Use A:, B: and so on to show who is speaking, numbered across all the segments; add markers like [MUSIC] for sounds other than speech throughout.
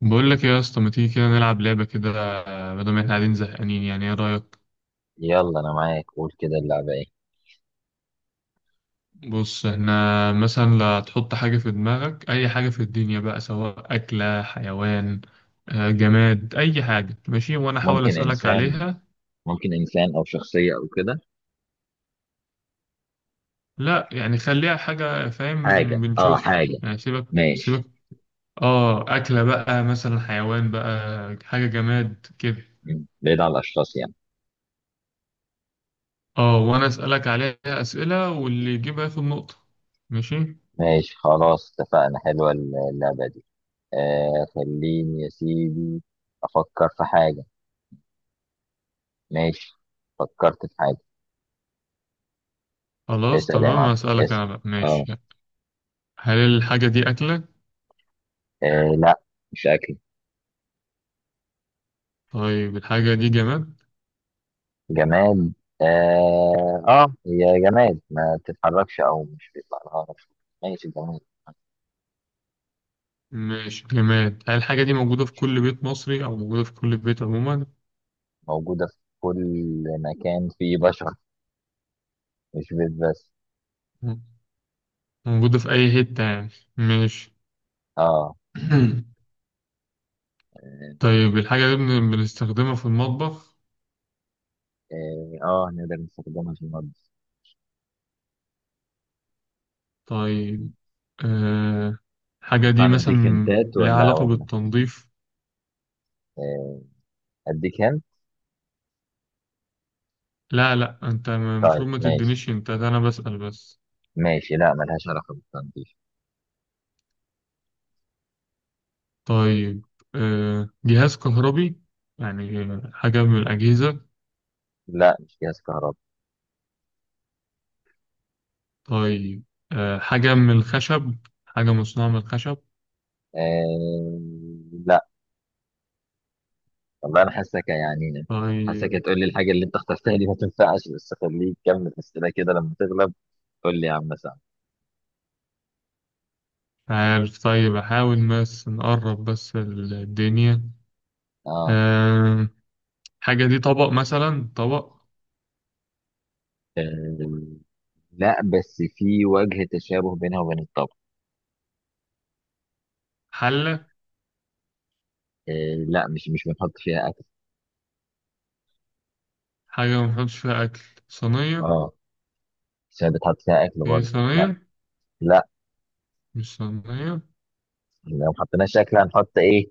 A: بقول لك إيه يا اسطى، ما تيجي كده نلعب لعبة كده بدل ما احنا قاعدين زهقانين؟ يعني ايه رأيك؟
B: يلا، انا معاك. قول كده، اللعبه ايه؟
A: بص، احنا مثلا، لا، تحط حاجة في دماغك، اي حاجة في الدنيا بقى، سواء أكلة، حيوان، جماد، اي حاجة ماشي، وانا احاول
B: ممكن
A: أسألك
B: انسان
A: عليها.
B: ممكن انسان او شخصيه او كده.
A: لا يعني خليها حاجة،
B: حاجه
A: فاهم؟
B: اه
A: بنشوف
B: حاجه
A: يعني. سيبك
B: ماشي.
A: سيبك. اه أكلة بقى مثلا، حيوان بقى، حاجة جماد كده.
B: مم. بعيد عن الاشخاص، يعني.
A: اه وانا أسألك عليها أسئلة، واللي يجيبها ياخد نقطة. ماشي.
B: ماشي، خلاص اتفقنا. حلوه اللعبه دي. آه، خليني يا سيدي افكر في حاجه. ماشي، فكرت في حاجه.
A: خلاص
B: اسال يا
A: تمام،
B: معلم،
A: هسألك
B: اسال.
A: أنا بقى،
B: اه.
A: ماشي. هل الحاجة دي أكلة؟
B: آه، لا، مش اكل.
A: طيب، الحاجة دي جماد؟
B: جماد. اه، اه، هي جماد، ما بتتحركش او مش بيطلع لها نفس. ماشي، جماد.
A: ماشي، جماد. هل الحاجة دي موجودة في كل بيت مصري، أو موجودة في كل بيت عموما؟
B: موجودة في كل مكان فيه بشر، مش بيت بس.
A: م- موجودة في أي حتة يعني. ماشي.
B: اه،
A: [CLEARS THROAT]
B: اه.
A: طيب، الحاجة دي بنستخدمها في المطبخ؟
B: آه، آه، نقدر نستخدمها في النضف. م.
A: طيب. آه، الحاجة
B: ينفع
A: دي مثلا
B: نديك هنتات
A: لها
B: ولا
A: علاقة
B: ولا
A: بالتنظيف؟
B: آه، اديك هنت.
A: لا لا، أنت المفروض
B: طيب،
A: ما
B: ماشي.
A: تدينيش، أنت ده، أنا بسأل بس.
B: ماشي، لا ملهاش علاقة بالتنظيف.
A: طيب. جهاز كهربي؟ يعني حاجة من الأجهزة.
B: لا، مش جهاز كهرباء.
A: طيب. حاجة من الخشب، حاجة مصنوعة من الخشب.
B: آه، لا. والله انا حاسك يعني. حاسك
A: طيب.
B: هتقول لي الحاجة اللي انت اخترتها دي ما تنفعش، بس خليك كمل اسئلة كده لما تغلب. قول لي يا عم سعد.
A: عارف، طيب أحاول بس نقرب بس الدنيا.
B: اه.
A: آه، حاجة دي طبق مثلا، طبق؟
B: آه، لا، بس في وجه تشابه بينها وبين الطبخ.
A: حلة.
B: آه، لا، مش بنحط فيها اكل.
A: حاجة ما بنحطش فيها أكل، صينية؟
B: اه، مش بتحط فيها اكل
A: هي
B: برضه، لا.
A: صينية؟
B: لا،
A: مش صينية.
B: لو ما حطيناش اكل هنحط ايه؟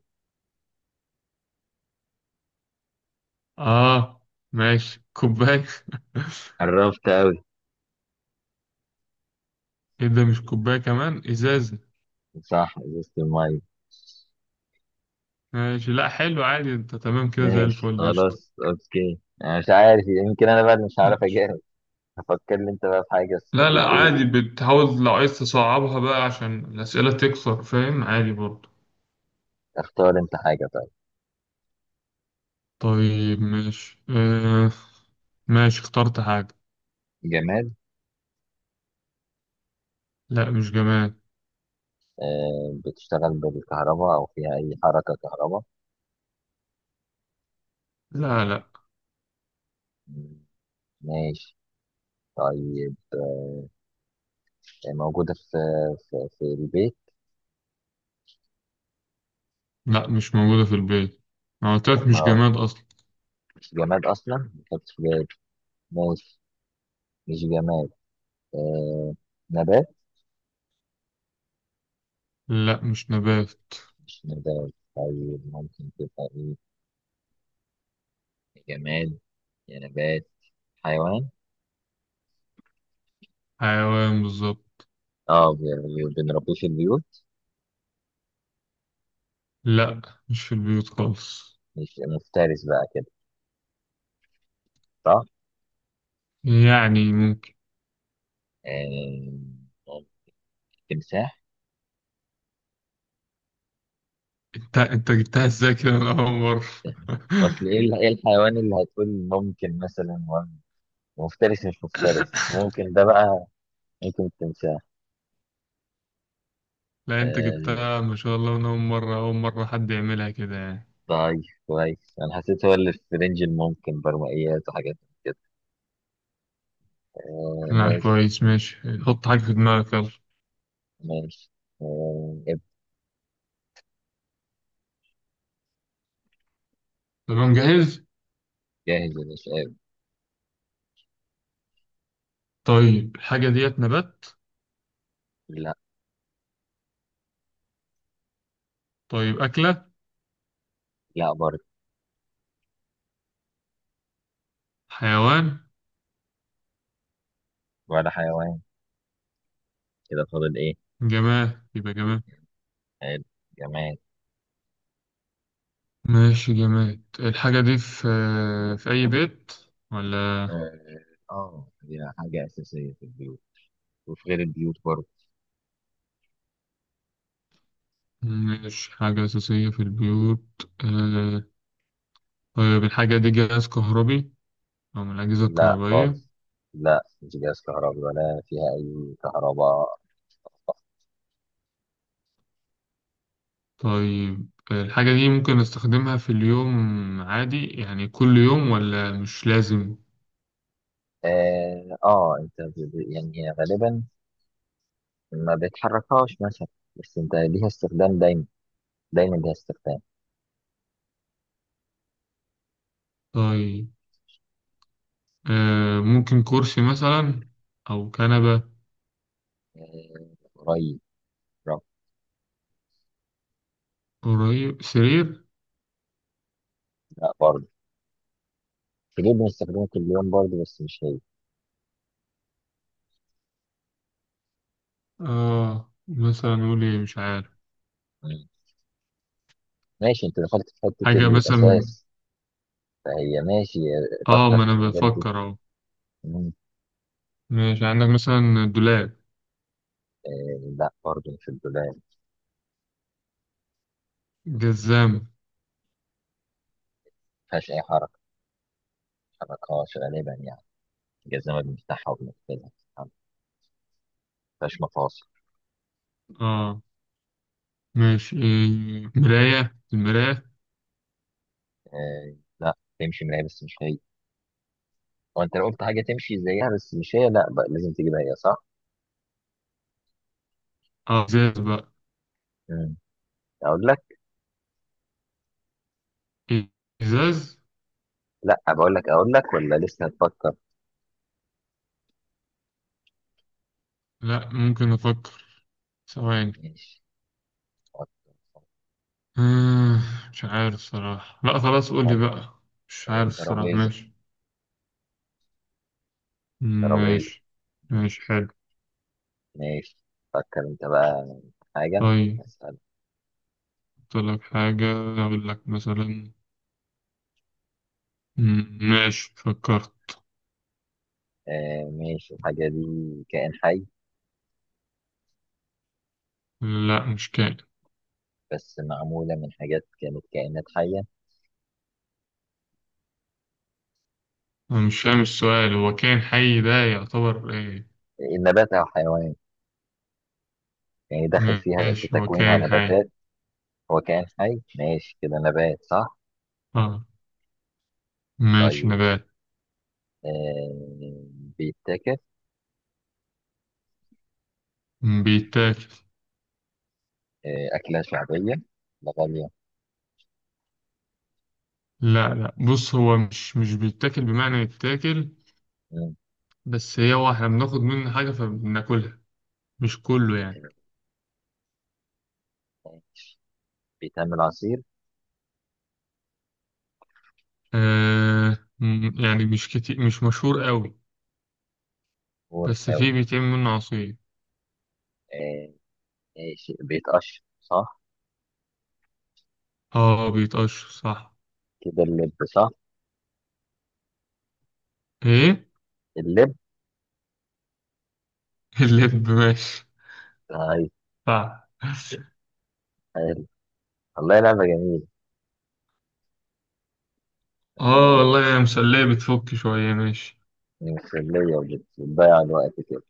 A: آه ماشي، كوباية؟ [LAUGHS]
B: قربت قوي.
A: إيه ده؟ مش كوباية، كمان إزازة.
B: صح، ازازه الميه.
A: ماشي، لأ حلو، عادي، أنت تمام كده، زي
B: ماشي،
A: الفل، قشطة.
B: خلاص، اوكي. انا مش عارف، يمكن انا بقى اللي مش عارف
A: ماشي.
B: اجاوب. هفكر لي انت بقى في حاجه، بس
A: لا
B: خليك
A: لا، عادي
B: ايه.
A: بتحاول، لو عايز تصعبها بقى عشان الأسئلة تكثر، فاهم، عادي برضه.
B: اختار انت حاجه، طيب.
A: طيب، ماشي. اه ماشي، اخترت حاجة.
B: جماد؟
A: لا، مش جماد.
B: آه، بتشتغل بالكهرباء او فيها اي حركه كهرباء؟
A: لا لا.
B: مم، ماشي. طيب، موجودة في البيت؟
A: لا، مش موجودة في البيت. أنا قلت لك مش
B: ما
A: جماد أصلا.
B: مش جماد أصلا، ما كانتش في بالي. ماشي، مش جماد. آه، نبات؟
A: لا، مش نبات.
B: مش نبات؟ طيب، ممكن تبقى إيه؟ جماد يا نبات، حيوان؟
A: حيوان بالظبط.
B: اه، بنربيه في البيوت؟
A: لا، مش في البيوت خالص.
B: مش مفترس بقى كده، صح؟
A: يعني ممكن.
B: آه، ممكن. تمساح؟
A: انت جبتها ازاي كده من أول مرة؟
B: أصل
A: [LAUGHS]
B: إيه إيه الحيوان اللي هتقول ممكن مثلا، مفترس مش مفترس ممكن ده بقى. ممكن التمساح.
A: لا، انت
B: آه،
A: جبتها ما شاء الله من أول مرة، أول مرة حد يعملها كده يعني.
B: طيب. كويس، انا حسيت هو اللي في رينج الممكن، برمائيات وحاجات من كده. آه،
A: لا،
B: ماشي.
A: كويس، ماشي. حط حاجة في دماغك، يلا.
B: ماشي، آه،
A: تمام، جاهز.
B: جاهز يا باشا.
A: طيب، الحاجة ديت نبات؟
B: لا.
A: طيب، أكلة؟
B: لا برضه.
A: حيوان؟
B: ولا حيوان. كده فاضل ايه؟
A: جماد يبقى جماد.
B: حلو، جماد.
A: ماشي جماد. الحاجة دي في أي بيت ولا؟
B: اه، آه، دي حاجة أساسية في البيوت وفي غير البيوت برضه.
A: مش حاجة أساسية في البيوت. طيب، الحاجة دي جهاز كهربي، أو من الأجهزة
B: لا
A: الكهربائية؟
B: خالص، لا مش جهاز كهربي ولا فيها أي كهرباء.
A: طيب، الحاجة دي ممكن نستخدمها في اليوم عادي يعني كل يوم، ولا مش لازم؟
B: اه، آه، أنت يعني هي غالبا ما بتحركهاش مثلا، بس أنت ليها استخدام دايما. دايما ليها استخدام.
A: طيب. ممكن كرسي مثلا، أو كنبة؟
B: آه، قريب. رب.
A: قريب، سرير؟
B: لا برضه. تجيب، بنستخدمه كل يوم برضه بس مش هي.
A: مثلا نقول إيه، مش عارف.
B: مم. ماشي، انت دخلت في حتة
A: حاجة مثلا.
B: الأساس، فهي ماشي. فكر
A: ما
B: في
A: أنا
B: الحاجات دي.
A: بفكر أهو.
B: مم.
A: ماشي، عندك مثلا دولاب،
B: آه، لا برضه، مش الدولاب، ما
A: جزام؟
B: فيهاش أي حركة. ما بتتحركهاش غالبا يعني. جزمة بنفتحها وبنقفلها، ما فيهاش مفاصل.
A: آه ماشي، إيه، مراية، المراية؟
B: آه، لا، تمشي من هي بس مش هي. هو انت لو قلت حاجة تمشي زيها بس مش هي، لا بقى، لازم تجيبها هي، صح؟
A: إزاز بقى؟
B: مم. أقول لك؟
A: إيه، إزاز؟
B: لا، بقول لك، أقول لك ولا لسه هتفكر؟
A: لأ، ممكن أفكر، ثواني.
B: ماشي، فكر،
A: آه مش عارف صراحة. لأ خلاص، قولي
B: فكر.
A: بقى. مش عارف الصراحة،
B: الترابيزة.
A: ماشي.
B: ترابيزة.
A: ماشي،
B: مم.
A: ماشي حلو.
B: ماشي، فكر انت بقى في حاجة.
A: طيب،
B: اسأل.
A: أقول لك حاجة، أقول لك مثلا. ماشي، فكرت.
B: آه، ماشي، الحاجة دي كائن حي؟
A: لا، مش كائن.
B: بس معمولة من حاجات كانت كائنات حية.
A: أنا مش فاهم السؤال، هو كائن حي ده يعتبر إيه؟
B: النبات أو حيوان، يعني داخل فيها في
A: ماشي، هو
B: تكوينها
A: كائن حي.
B: نباتات. هو كائن حي، ماشي كده، نبات، صح؟
A: آه ماشي،
B: طيب.
A: نبات.
B: آه، بيتاكل؟
A: بيتاكل.
B: آه، أكلة شعبية؟ لا، غالية؟
A: لا لا، بص، هو مش بيتاكل بمعنى يتاكل.
B: مم.
A: بس هي، هو إحنا بناخد منه حاجة فبناكلها، مش كله يعني.
B: آه، بيتعمل عصير؟
A: يعني، مش كتير، مش مشهور قوي. بس فيه
B: ورقاوي؟
A: بيتعمل منه عصير.
B: آه، ماشي، بيتقشر صح؟
A: بيتقشر، صح.
B: كده اللب، صح؟
A: إيه؟
B: اللب.
A: اللب؟ ماشي،
B: نايس.
A: صح.
B: حلو. والله لعبة جميلة
A: اه
B: يعني.
A: والله، يا مسلية، بتفك شوية، ماشي.
B: مسلية وبتضيع الوقت كده.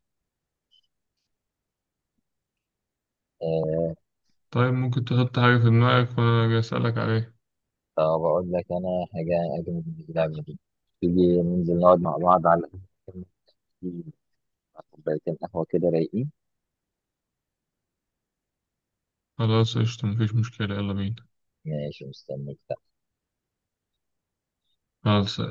B: آه،
A: طيب، ممكن تحط حاجة في دماغك وأنا أجي أسألك عليها؟
B: طب أقول لك أنا حاجة أجمل من اللعبة دي. تيجي ننزل نقعد مع بعض على القهوة، مع كوبايتين قهوة كده رايقين.
A: خلاص، قشطة، مفيش مشكلة، يلا بينا.
B: ماشي، مستنيك.
A: خلاص.